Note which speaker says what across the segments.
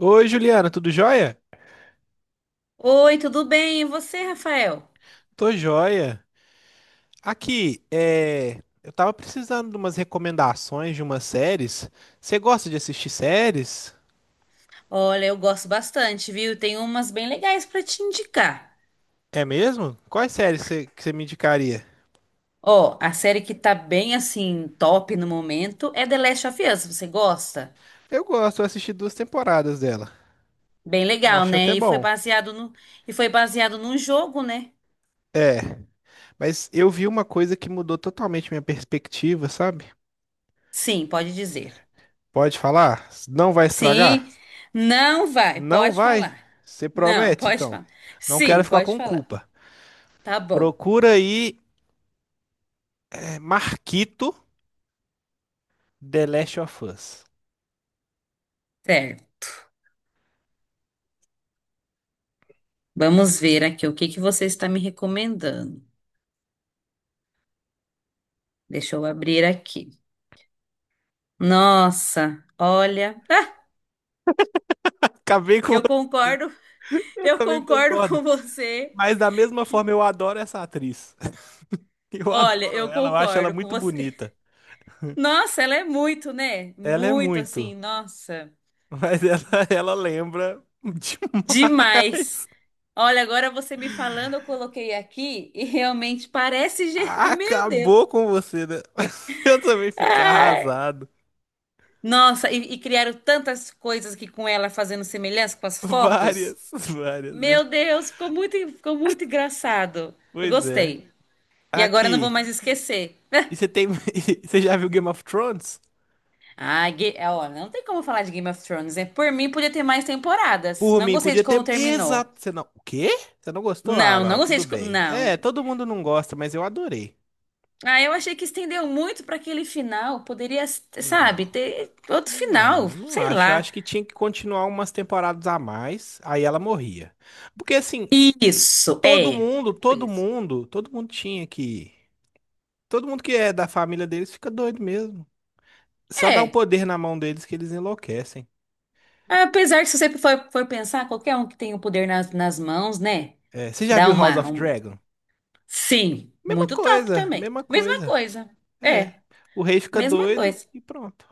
Speaker 1: Oi, Juliana, tudo jóia?
Speaker 2: Oi, tudo bem? E você, Rafael?
Speaker 1: Tô jóia. Aqui, eu tava precisando de umas recomendações de umas séries. Você gosta de assistir séries?
Speaker 2: Olha, eu gosto bastante, viu? Tem umas bem legais pra te indicar.
Speaker 1: É mesmo? Quais séries que você me indicaria?
Speaker 2: Ó, a série que tá bem assim top no momento é The Last of Us. Você gosta?
Speaker 1: Eu gosto, eu assisti duas temporadas dela.
Speaker 2: Bem
Speaker 1: Eu
Speaker 2: legal,
Speaker 1: acho até
Speaker 2: né? E foi
Speaker 1: bom.
Speaker 2: baseado no e foi baseado num jogo, né?
Speaker 1: É, mas eu vi uma coisa que mudou totalmente minha perspectiva, sabe?
Speaker 2: Sim, pode dizer.
Speaker 1: Pode falar? Não vai estragar?
Speaker 2: Sim. Não vai,
Speaker 1: Não
Speaker 2: pode
Speaker 1: vai?
Speaker 2: falar.
Speaker 1: Você
Speaker 2: Não,
Speaker 1: promete,
Speaker 2: pode
Speaker 1: então?
Speaker 2: falar.
Speaker 1: Não quero
Speaker 2: Sim,
Speaker 1: ficar
Speaker 2: pode
Speaker 1: com
Speaker 2: falar.
Speaker 1: culpa.
Speaker 2: Tá bom.
Speaker 1: Procura aí, Marquito. The Last of Us.
Speaker 2: Certo. Vamos ver aqui o que você está me recomendando. Deixa eu abrir aqui. Nossa, olha, ah,
Speaker 1: Acabei com.
Speaker 2: eu concordo,
Speaker 1: Eu
Speaker 2: eu
Speaker 1: também
Speaker 2: concordo
Speaker 1: concordo.
Speaker 2: com você.
Speaker 1: Mas da mesma
Speaker 2: que-
Speaker 1: forma eu adoro essa atriz. Eu
Speaker 2: Olha,
Speaker 1: adoro
Speaker 2: eu
Speaker 1: ela, eu acho ela
Speaker 2: concordo com
Speaker 1: muito
Speaker 2: você.
Speaker 1: bonita.
Speaker 2: Nossa, ela é muito, né?
Speaker 1: Ela é
Speaker 2: Muito
Speaker 1: muito,
Speaker 2: assim, nossa,
Speaker 1: mas ela lembra
Speaker 2: demais.
Speaker 1: demais.
Speaker 2: Olha, agora você me falando, eu coloquei aqui e realmente parece, meu Deus.
Speaker 1: Acabou com você, né? Eu também fiquei
Speaker 2: Ai.
Speaker 1: arrasado.
Speaker 2: Nossa, e criaram tantas coisas aqui com ela fazendo semelhança com as fotos.
Speaker 1: Várias, várias
Speaker 2: Meu
Speaker 1: vezes.
Speaker 2: Deus, ficou muito engraçado. Eu
Speaker 1: Pois é.
Speaker 2: gostei. E agora eu não vou
Speaker 1: Aqui.
Speaker 2: mais esquecer.
Speaker 1: E você tem. Você já viu Game of Thrones?
Speaker 2: Ah, ó, não tem como falar de Game of Thrones, né? Por mim, podia ter mais temporadas.
Speaker 1: Por
Speaker 2: Não
Speaker 1: mim,
Speaker 2: gostei
Speaker 1: podia
Speaker 2: de como
Speaker 1: ter.
Speaker 2: terminou.
Speaker 1: Exato. Você não. O quê? Você não gostou? Ah,
Speaker 2: Não,
Speaker 1: não, tudo bem. É,
Speaker 2: Não.
Speaker 1: todo mundo não gosta, mas eu adorei.
Speaker 2: Ah, eu achei que estendeu muito para aquele final. Poderia, sabe,
Speaker 1: Não,
Speaker 2: ter outro final.
Speaker 1: não, não
Speaker 2: Sei
Speaker 1: acho. Eu
Speaker 2: lá.
Speaker 1: acho que tinha que continuar umas temporadas a mais. Aí ela morria. Porque assim,
Speaker 2: Isso,
Speaker 1: todo
Speaker 2: é.
Speaker 1: mundo,
Speaker 2: Tipo
Speaker 1: todo
Speaker 2: isso.
Speaker 1: mundo, todo mundo tinha que. Todo mundo que é da família deles fica doido mesmo. Só dá o
Speaker 2: É.
Speaker 1: poder na mão deles que eles enlouquecem.
Speaker 2: Apesar que se você for pensar, qualquer um que tem o poder nas mãos, né?
Speaker 1: É, você já
Speaker 2: Dá
Speaker 1: viu House
Speaker 2: uma.
Speaker 1: of
Speaker 2: um-
Speaker 1: Dragon?
Speaker 2: Sim,
Speaker 1: Mesma
Speaker 2: muito top
Speaker 1: coisa,
Speaker 2: também.
Speaker 1: mesma
Speaker 2: Mesma
Speaker 1: coisa.
Speaker 2: coisa.
Speaker 1: É.
Speaker 2: É,
Speaker 1: O rei fica
Speaker 2: mesma
Speaker 1: doido
Speaker 2: coisa.
Speaker 1: e pronto.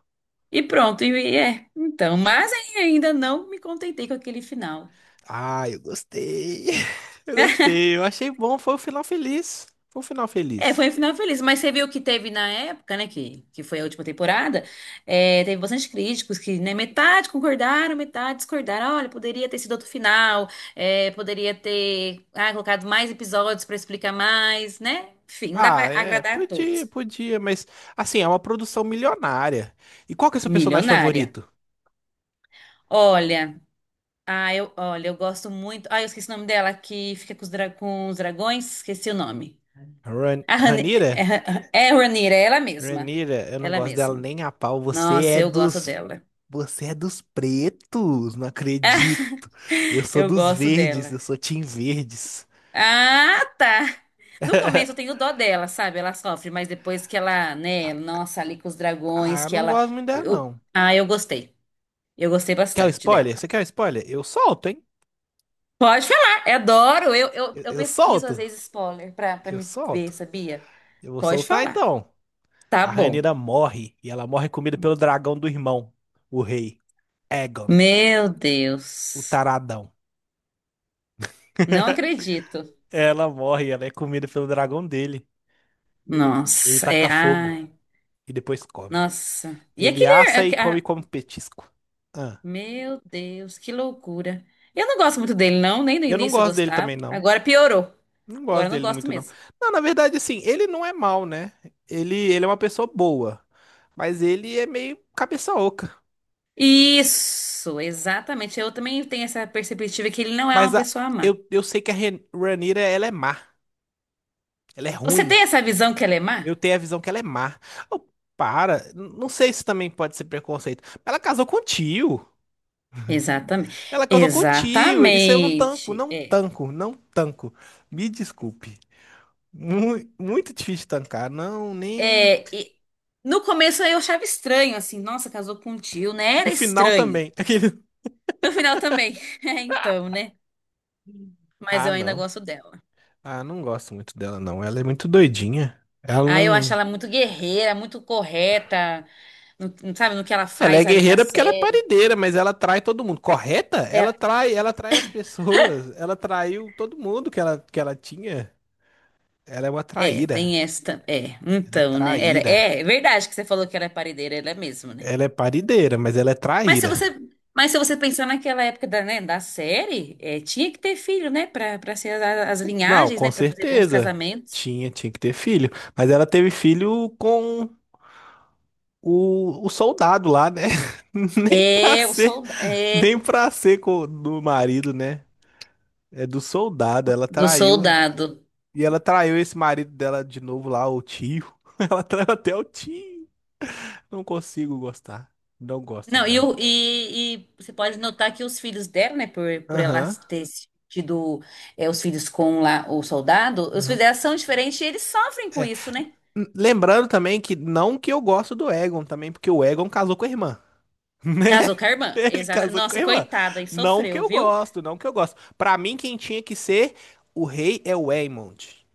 Speaker 2: E pronto, e é. Então, mas ainda não me contentei com aquele final.
Speaker 1: Ah, eu gostei. Eu gostei. Eu achei bom. Foi um final feliz. Foi um final
Speaker 2: É,
Speaker 1: feliz.
Speaker 2: foi um final feliz, mas você viu que teve na época, né, que foi a última temporada, é, teve bastante críticos que, né, metade concordaram, metade discordaram. Olha, poderia ter sido outro final, é, poderia ter, ah, colocado mais episódios pra explicar mais, né? Enfim, não dá pra
Speaker 1: Ah, é.
Speaker 2: agradar a
Speaker 1: Podia,
Speaker 2: todos.
Speaker 1: podia. Mas, assim, é uma produção milionária. E qual que é o seu personagem
Speaker 2: Milionária.
Speaker 1: favorito?
Speaker 2: Olha, ah, eu, olha, eu gosto muito. Ah, eu esqueci o nome dela, que fica com os, com os dragões, esqueci o nome.
Speaker 1: Ran
Speaker 2: A
Speaker 1: Ranira?
Speaker 2: Ranira, é ela mesma.
Speaker 1: Ranira, eu não
Speaker 2: Ela
Speaker 1: gosto dela
Speaker 2: mesma.
Speaker 1: nem a pau. Você
Speaker 2: Nossa,
Speaker 1: é
Speaker 2: eu gosto
Speaker 1: dos.
Speaker 2: dela.
Speaker 1: Você é dos pretos. Não acredito. Eu sou
Speaker 2: Eu
Speaker 1: dos
Speaker 2: gosto
Speaker 1: verdes.
Speaker 2: dela.
Speaker 1: Eu sou Team Verdes.
Speaker 2: Ah, tá. No começo eu tenho dó dela, sabe? Ela sofre, mas depois que ela, né? Nossa, ali com os
Speaker 1: Ah,
Speaker 2: dragões,
Speaker 1: eu
Speaker 2: que
Speaker 1: não
Speaker 2: ela.
Speaker 1: gosto muito dela, não.
Speaker 2: Ah, eu gostei. Eu gostei
Speaker 1: Quer o
Speaker 2: bastante dela.
Speaker 1: spoiler? Você quer o spoiler? Eu solto, hein?
Speaker 2: Pode falar, eu adoro. Eu, eu,
Speaker 1: Eu,
Speaker 2: eu
Speaker 1: eu
Speaker 2: pesquiso às
Speaker 1: solto.
Speaker 2: vezes spoiler pra
Speaker 1: Eu
Speaker 2: me ver,
Speaker 1: solto.
Speaker 2: sabia?
Speaker 1: Eu vou
Speaker 2: Pode
Speaker 1: soltar
Speaker 2: falar.
Speaker 1: então.
Speaker 2: Tá
Speaker 1: A
Speaker 2: bom.
Speaker 1: Rhaenyra morre e ela morre comida pelo dragão do irmão, o rei Aegon,
Speaker 2: Meu
Speaker 1: o
Speaker 2: Deus.
Speaker 1: taradão.
Speaker 2: Não acredito.
Speaker 1: Ela morre, ela é comida pelo dragão dele. Ele
Speaker 2: Nossa, é.
Speaker 1: taca fogo
Speaker 2: Ai.
Speaker 1: e depois come.
Speaker 2: Nossa. E
Speaker 1: Ele
Speaker 2: aquele.
Speaker 1: assa e
Speaker 2: aque-
Speaker 1: come
Speaker 2: ah,
Speaker 1: como petisco. Ah,
Speaker 2: meu Deus, que loucura. Eu não gosto muito dele, não. Nem no
Speaker 1: eu não
Speaker 2: início eu
Speaker 1: gosto dele
Speaker 2: gostava.
Speaker 1: também não.
Speaker 2: Agora piorou.
Speaker 1: Não
Speaker 2: Agora
Speaker 1: gosto
Speaker 2: eu não
Speaker 1: dele
Speaker 2: gosto
Speaker 1: muito não.
Speaker 2: mesmo.
Speaker 1: Não, na verdade assim, ele não é mal, né? Ele é uma pessoa boa, mas ele é meio cabeça oca.
Speaker 2: Isso, exatamente. Eu também tenho essa perspectiva que ele não é
Speaker 1: Mas
Speaker 2: uma pessoa má.
Speaker 1: eu sei que a Rhaenyra ela é má, ela é
Speaker 2: Você
Speaker 1: ruim.
Speaker 2: tem essa visão que ela é má?
Speaker 1: Eu tenho a visão que ela é má. Oh, para, não sei se também pode ser preconceito. Ela casou com o tio.
Speaker 2: Exatamente.
Speaker 1: Ela casou com o tio. Isso eu não tanco,
Speaker 2: Exatamente.
Speaker 1: não
Speaker 2: É.
Speaker 1: tanco, não tanco. Me desculpe. Muito, difícil tancar. Não, nem.
Speaker 2: É, e no começo eu achava estranho, assim, nossa, casou com um tio, né?
Speaker 1: No
Speaker 2: Era
Speaker 1: final
Speaker 2: estranho.
Speaker 1: também. Aquele-
Speaker 2: No final também. É, então, né? Mas
Speaker 1: Ah,
Speaker 2: eu ainda
Speaker 1: não.
Speaker 2: gosto dela.
Speaker 1: Ah, não gosto muito dela, não. Ela é muito doidinha. Ela
Speaker 2: Ah, eu acho
Speaker 1: não.
Speaker 2: ela muito guerreira, muito correta, sabe, no que ela
Speaker 1: Ela é
Speaker 2: faz ali na
Speaker 1: guerreira porque ela é
Speaker 2: série.
Speaker 1: paredeira, mas ela trai todo mundo. Correta?
Speaker 2: É,
Speaker 1: Ela trai as pessoas. Ela traiu todo mundo que ela tinha. Ela é uma
Speaker 2: é,
Speaker 1: traíra.
Speaker 2: tem esta. É,
Speaker 1: Ela é
Speaker 2: então, né? Era,
Speaker 1: traíra.
Speaker 2: é, é verdade que você falou que ela é paredeira, ela é mesmo, né?
Speaker 1: Ela é parideira, mas ela é
Speaker 2: Mas se
Speaker 1: traíra.
Speaker 2: você, mas se você pensar naquela época da, né, da série, é, tinha que ter filho, né? Pra ser as, as
Speaker 1: Não,
Speaker 2: linhagens,
Speaker 1: com
Speaker 2: né? Pra fazer bons
Speaker 1: certeza.
Speaker 2: casamentos.
Speaker 1: Tinha que ter filho. Mas ela teve filho com o soldado lá, né? Nem pra
Speaker 2: É, o
Speaker 1: ser,
Speaker 2: soldado. É,
Speaker 1: nem pra ser do marido, né? É do soldado. Ela
Speaker 2: do
Speaker 1: traiu.
Speaker 2: soldado.
Speaker 1: E ela traiu esse marido dela de novo lá, o tio. Ela traiu até o tio. Não consigo gostar. Não gosto
Speaker 2: Não, e,
Speaker 1: dela.
Speaker 2: o- e, e você pode notar que os filhos dela, né, por ela
Speaker 1: Aham.
Speaker 2: ter tido é, os filhos com lá o soldado, os filhos
Speaker 1: Aham.
Speaker 2: dela são diferentes e eles sofrem com isso, né?
Speaker 1: Lembrando também que não que eu gosto do Egon também, porque o Egon casou com a irmã, né?
Speaker 2: Casou com a irmã.
Speaker 1: Ele
Speaker 2: Exa
Speaker 1: casou com
Speaker 2: nossa,
Speaker 1: a
Speaker 2: e
Speaker 1: irmã.
Speaker 2: coitada, e
Speaker 1: Não que
Speaker 2: sofreu,
Speaker 1: eu
Speaker 2: viu?
Speaker 1: gosto, não que eu gosto. Pra mim, quem tinha que ser o rei é o Aemond.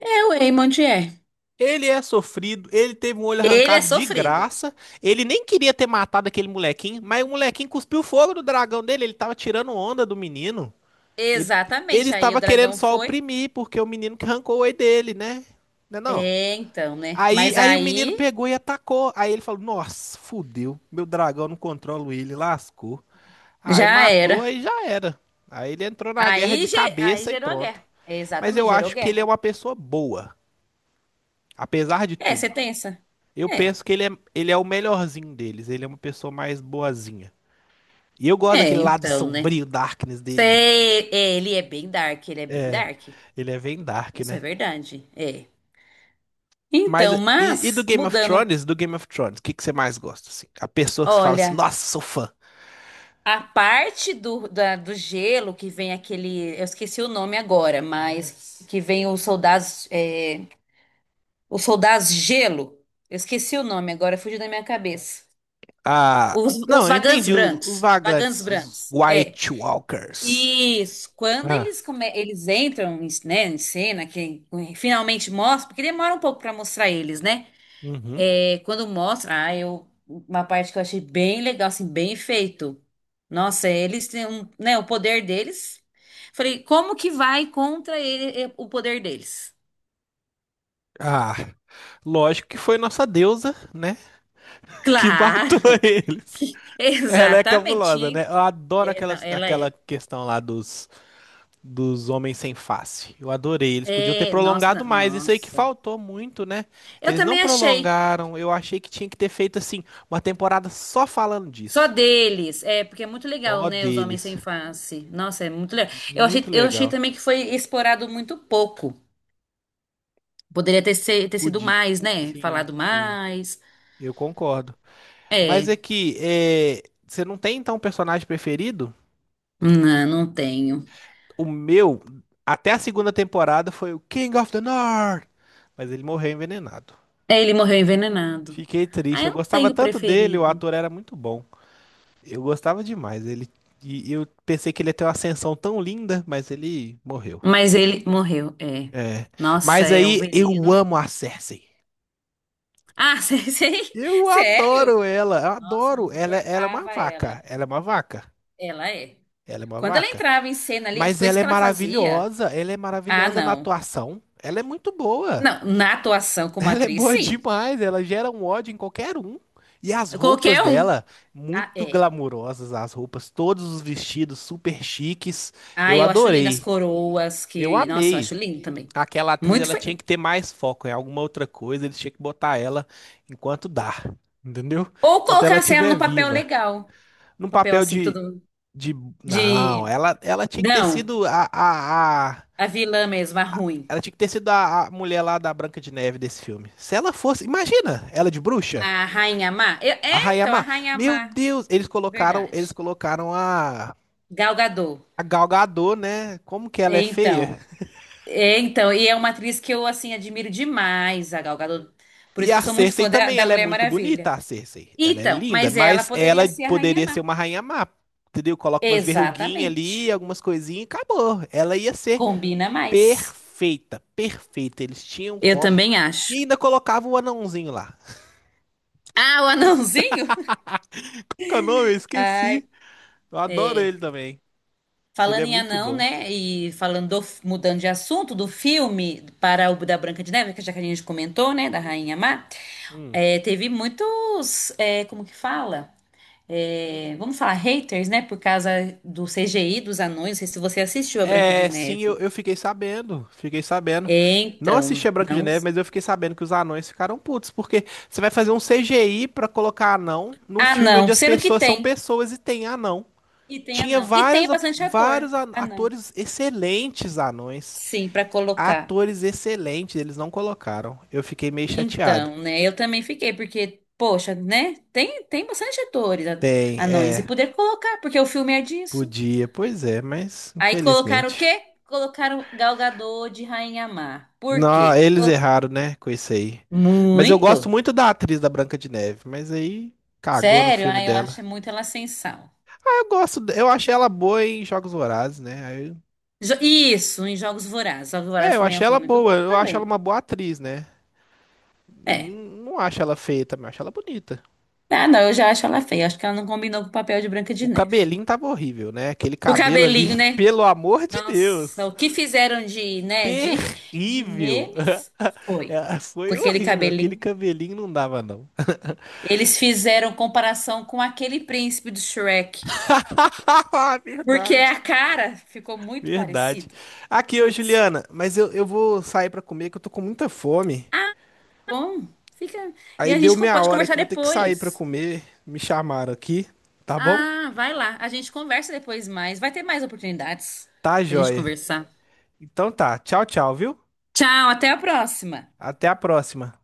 Speaker 2: É, o Eamon de é.
Speaker 1: Ele é sofrido, ele teve um olho
Speaker 2: Ele é
Speaker 1: arrancado de
Speaker 2: sofrido.
Speaker 1: graça. Ele nem queria ter matado aquele molequinho, mas o molequinho cuspiu fogo do dragão dele. Ele tava tirando onda do menino. Ele, ele
Speaker 2: Exatamente. Aí o
Speaker 1: estava querendo
Speaker 2: dragão
Speaker 1: só
Speaker 2: foi.
Speaker 1: oprimir, porque o menino que arrancou o olho dele, né? Não é não?
Speaker 2: É, então, né?
Speaker 1: Aí,
Speaker 2: Mas
Speaker 1: aí o menino
Speaker 2: aí
Speaker 1: pegou e atacou. Aí ele falou: Nossa, fudeu. Meu dragão não controla ele, lascou. Aí
Speaker 2: já
Speaker 1: matou
Speaker 2: era.
Speaker 1: e já era. Aí ele entrou na guerra
Speaker 2: Aí,
Speaker 1: de
Speaker 2: ge- aí
Speaker 1: cabeça e
Speaker 2: gerou a
Speaker 1: pronto.
Speaker 2: guerra. É,
Speaker 1: Mas eu
Speaker 2: exatamente, gerou
Speaker 1: acho que ele é
Speaker 2: guerra.
Speaker 1: uma pessoa boa, apesar de
Speaker 2: É, você
Speaker 1: tudo.
Speaker 2: tem essa?
Speaker 1: Eu
Speaker 2: É,
Speaker 1: penso que ele é o melhorzinho deles. Ele é uma pessoa mais boazinha. E eu gosto
Speaker 2: é,
Speaker 1: daquele lado
Speaker 2: então, né?
Speaker 1: sombrio, darkness dele.
Speaker 2: Sei, é, ele é bem dark, ele é bem
Speaker 1: É,
Speaker 2: dark.
Speaker 1: ele é bem dark,
Speaker 2: Isso é
Speaker 1: né?
Speaker 2: verdade. É.
Speaker 1: Mas
Speaker 2: Então,
Speaker 1: e do
Speaker 2: mas
Speaker 1: Game of
Speaker 2: mudando,
Speaker 1: Thrones? Do Game of Thrones, o que que você mais gosta? Assim? A pessoa que você fala assim:
Speaker 2: olha,
Speaker 1: Nossa, sou fã.
Speaker 2: a parte do, do gelo que vem aquele, eu esqueci o nome agora, mas que vem os soldados, é, os soldados gelo. Eu esqueci o nome agora, fugiu da minha cabeça.
Speaker 1: Ah,
Speaker 2: Os
Speaker 1: não, eu
Speaker 2: vagantes
Speaker 1: entendi. Os
Speaker 2: brancos, vagantes
Speaker 1: vagantes, os
Speaker 2: brancos. É.
Speaker 1: White Walkers.
Speaker 2: Isso, quando
Speaker 1: Ah,
Speaker 2: eles, eles entram em, né, em cena, que eh, finalmente mostra, porque demora um pouco para mostrar eles, né?
Speaker 1: uhum.
Speaker 2: É, quando mostra, ah, eu, uma parte que eu achei bem legal, assim, bem feito. Nossa, eles têm um, né, o poder deles. Falei, como que vai contra ele, eh, o poder deles?
Speaker 1: Ah, lógico que foi nossa deusa, né? Que matou
Speaker 2: Claro,
Speaker 1: eles. Ela é
Speaker 2: exatamente.
Speaker 1: cabulosa, né? Eu adoro
Speaker 2: É,
Speaker 1: aquela,
Speaker 2: não, ela
Speaker 1: aquela
Speaker 2: é.
Speaker 1: questão lá dos homens sem face. Eu adorei. Eles podiam ter
Speaker 2: É, nossa,
Speaker 1: prolongado mais. Isso aí que
Speaker 2: nossa.
Speaker 1: faltou muito, né?
Speaker 2: Eu
Speaker 1: Eles não
Speaker 2: também achei.
Speaker 1: prolongaram. Eu achei que tinha que ter feito, assim, uma temporada só falando
Speaker 2: Só
Speaker 1: disso.
Speaker 2: deles. É, porque é muito legal,
Speaker 1: Só
Speaker 2: né? Os homens
Speaker 1: deles.
Speaker 2: sem face. Nossa, é muito legal. Eu achei,
Speaker 1: Muito
Speaker 2: eu achei
Speaker 1: legal.
Speaker 2: também que foi explorado muito pouco. Poderia ter, ter sido
Speaker 1: Podia.
Speaker 2: mais, né?
Speaker 1: Sim,
Speaker 2: Falado
Speaker 1: sim.
Speaker 2: mais.
Speaker 1: Eu concordo. Mas
Speaker 2: É,
Speaker 1: é que é, você não tem então um personagem preferido?
Speaker 2: não, não tenho.
Speaker 1: O meu, até a segunda temporada, foi o King of the North. Mas ele morreu envenenado.
Speaker 2: É, ele morreu envenenado.
Speaker 1: Fiquei
Speaker 2: Ah,
Speaker 1: triste. Eu
Speaker 2: eu não
Speaker 1: gostava
Speaker 2: tenho
Speaker 1: tanto dele, o
Speaker 2: preferido.
Speaker 1: ator era muito bom. Eu gostava demais. E eu pensei que ele ia ter uma ascensão tão linda, mas ele morreu.
Speaker 2: Mas ele morreu, é.
Speaker 1: É.
Speaker 2: Nossa,
Speaker 1: Mas
Speaker 2: é o
Speaker 1: aí eu
Speaker 2: veneno.
Speaker 1: amo a Cersei.
Speaker 2: Ah, sei, sei.
Speaker 1: Eu
Speaker 2: Sério?
Speaker 1: adoro ela, eu
Speaker 2: Nossa, eu não
Speaker 1: adoro. Ela é uma
Speaker 2: suportava ela.
Speaker 1: vaca. Ela é uma vaca.
Speaker 2: Ela é.
Speaker 1: Ela é uma
Speaker 2: Quando ela
Speaker 1: vaca.
Speaker 2: entrava em cena ali, as
Speaker 1: Mas
Speaker 2: coisas que ela fazia.
Speaker 1: ela é
Speaker 2: Ah,
Speaker 1: maravilhosa na
Speaker 2: não.
Speaker 1: atuação. Ela é muito boa.
Speaker 2: Não, na atuação como
Speaker 1: Ela é
Speaker 2: atriz,
Speaker 1: boa
Speaker 2: sim.
Speaker 1: demais, ela gera um ódio em qualquer um. E as
Speaker 2: Qualquer
Speaker 1: roupas
Speaker 2: um.
Speaker 1: dela,
Speaker 2: Ah,
Speaker 1: muito
Speaker 2: é.
Speaker 1: glamurosas as roupas, todos os vestidos super chiques.
Speaker 2: Ah,
Speaker 1: Eu
Speaker 2: eu acho lindo as
Speaker 1: adorei.
Speaker 2: coroas
Speaker 1: Eu
Speaker 2: que. Nossa, eu
Speaker 1: amei.
Speaker 2: acho lindo também.
Speaker 1: Aquela atriz,
Speaker 2: Muito
Speaker 1: ela tinha
Speaker 2: feio.
Speaker 1: que ter mais foco em alguma outra coisa, eles tinham que botar ela enquanto dá, entendeu?
Speaker 2: Ou
Speaker 1: Enquanto ela
Speaker 2: colocasse ela
Speaker 1: estiver
Speaker 2: no papel
Speaker 1: viva.
Speaker 2: legal.
Speaker 1: Num
Speaker 2: Um papel
Speaker 1: papel
Speaker 2: assim que
Speaker 1: de,
Speaker 2: todo mundo.
Speaker 1: de... Não,
Speaker 2: De.
Speaker 1: ela tinha que ter
Speaker 2: Não,
Speaker 1: sido.
Speaker 2: a vilã mesmo, a ruim.
Speaker 1: Ela tinha que ter sido a mulher lá da Branca de Neve desse filme. Se ela fosse, imagina, ela de bruxa,
Speaker 2: A Rainha Má.
Speaker 1: a
Speaker 2: É,
Speaker 1: Rainha
Speaker 2: então, a
Speaker 1: Má.
Speaker 2: Rainha
Speaker 1: Meu
Speaker 2: Má.
Speaker 1: Deus, eles colocaram, eles
Speaker 2: Verdade.
Speaker 1: colocaram a
Speaker 2: Gal Gadot.
Speaker 1: a Gal Gadot, né? Como que ela é
Speaker 2: É,
Speaker 1: feia?
Speaker 2: então. É, então. E é uma atriz que eu, assim, admiro demais, a Gal Gadot. Por
Speaker 1: E
Speaker 2: isso que
Speaker 1: a
Speaker 2: eu sou muito
Speaker 1: Cersei
Speaker 2: fã da,
Speaker 1: também,
Speaker 2: da
Speaker 1: ela é
Speaker 2: Mulher
Speaker 1: muito bonita,
Speaker 2: Maravilha.
Speaker 1: a Cersei. Ela é
Speaker 2: Então,
Speaker 1: linda,
Speaker 2: mas ela
Speaker 1: mas
Speaker 2: poderia
Speaker 1: ela
Speaker 2: ser a Rainha
Speaker 1: poderia ser
Speaker 2: Má.
Speaker 1: uma rainha má, entendeu? Coloca umas verruguinhas ali,
Speaker 2: Exatamente.
Speaker 1: algumas coisinhas, e acabou. Ela ia ser
Speaker 2: Combina mais.
Speaker 1: perfeita, perfeita. Eles tinham
Speaker 2: Eu
Speaker 1: como.
Speaker 2: também
Speaker 1: E
Speaker 2: acho.
Speaker 1: ainda colocava o anãozinho lá.
Speaker 2: Ah, o anãozinho?
Speaker 1: Qual que é o nome? Eu
Speaker 2: Ai.
Speaker 1: esqueci. Eu adoro ele também. Ele
Speaker 2: Falando
Speaker 1: é
Speaker 2: em
Speaker 1: muito
Speaker 2: anão,
Speaker 1: bom.
Speaker 2: né? E falando mudando de assunto do filme para o da Branca de Neve, que já que a gente comentou, né? Da Rainha Má,
Speaker 1: Hum.
Speaker 2: é, teve muitos, é, como que fala? É, vamos falar haters, né? Por causa do CGI dos anões. Não sei se você assistiu a Branca de
Speaker 1: É, sim,
Speaker 2: Neve.
Speaker 1: eu fiquei sabendo. Fiquei sabendo.
Speaker 2: É,
Speaker 1: Não
Speaker 2: então,
Speaker 1: assisti a Branca de
Speaker 2: não.
Speaker 1: Neve, mas eu fiquei sabendo que os anões ficaram putos, porque você vai fazer um CGI pra colocar anão num
Speaker 2: Ah,
Speaker 1: filme onde
Speaker 2: não.
Speaker 1: as
Speaker 2: Sendo que
Speaker 1: pessoas são
Speaker 2: tem.
Speaker 1: pessoas e tem anão.
Speaker 2: E tem
Speaker 1: Tinha
Speaker 2: anão. E tem bastante ator.
Speaker 1: vários
Speaker 2: Ah, não.
Speaker 1: atores excelentes anões.
Speaker 2: Sim, para colocar.
Speaker 1: Atores excelentes, eles não colocaram. Eu fiquei meio chateado.
Speaker 2: Então, né? Eu também fiquei, porque, poxa, né? Tem, tem bastante atores
Speaker 1: Tem,
Speaker 2: anões e poder colocar, porque o filme é disso.
Speaker 1: podia, pois é, mas
Speaker 2: Aí colocaram o
Speaker 1: infelizmente.
Speaker 2: quê? Colocaram Gal Gadot de Rainha Má. Por
Speaker 1: Não,
Speaker 2: quê?
Speaker 1: eles erraram, né? Com isso aí. Mas eu
Speaker 2: Muito.
Speaker 1: gosto muito da atriz da Branca de Neve, mas aí cagou no
Speaker 2: Sério?
Speaker 1: filme
Speaker 2: Aí eu
Speaker 1: dela.
Speaker 2: acho muito ela sem sal.
Speaker 1: Eu achei ela boa em Jogos Vorazes, né? Aí eu-
Speaker 2: Isso, em Jogos Vorazes. Jogos
Speaker 1: é,
Speaker 2: Vorazes
Speaker 1: eu
Speaker 2: também é um
Speaker 1: achei ela
Speaker 2: filme muito
Speaker 1: boa,
Speaker 2: bom
Speaker 1: eu acho ela
Speaker 2: também.
Speaker 1: uma boa atriz, né? Não,
Speaker 2: É.
Speaker 1: não acho ela feia também, acho ela bonita.
Speaker 2: Ah, não, eu já acho ela feia. Acho que ela não combinou com o papel de Branca de
Speaker 1: O
Speaker 2: Neve.
Speaker 1: cabelinho tava horrível, né? Aquele
Speaker 2: O
Speaker 1: cabelo ali,
Speaker 2: cabelinho, né?
Speaker 1: pelo amor de
Speaker 2: Nossa,
Speaker 1: Deus,
Speaker 2: o que fizeram de, né, de, de
Speaker 1: terrível.
Speaker 2: memes foi
Speaker 1: É,
Speaker 2: com
Speaker 1: foi
Speaker 2: aquele
Speaker 1: horrível, aquele
Speaker 2: cabelinho.
Speaker 1: cabelinho não dava não.
Speaker 2: Eles fizeram comparação com aquele príncipe do Shrek,
Speaker 1: Haha,
Speaker 2: porque
Speaker 1: verdade.
Speaker 2: a cara ficou muito
Speaker 1: Verdade.
Speaker 2: parecido.
Speaker 1: Aqui, ô
Speaker 2: Putz,
Speaker 1: Juliana, mas eu vou sair pra comer que eu tô com muita fome.
Speaker 2: bom, fica. E
Speaker 1: Aí
Speaker 2: a
Speaker 1: deu
Speaker 2: gente
Speaker 1: meia
Speaker 2: pode
Speaker 1: hora que
Speaker 2: conversar
Speaker 1: eu vou ter que sair pra
Speaker 2: depois.
Speaker 1: comer. Me chamaram aqui, tá bom?
Speaker 2: Ah, vai lá, a gente conversa depois mais. Vai ter mais oportunidades
Speaker 1: Tá,
Speaker 2: pra gente
Speaker 1: joia.
Speaker 2: conversar.
Speaker 1: Então tá. Tchau, tchau, viu?
Speaker 2: Tchau, até a próxima.
Speaker 1: Até a próxima.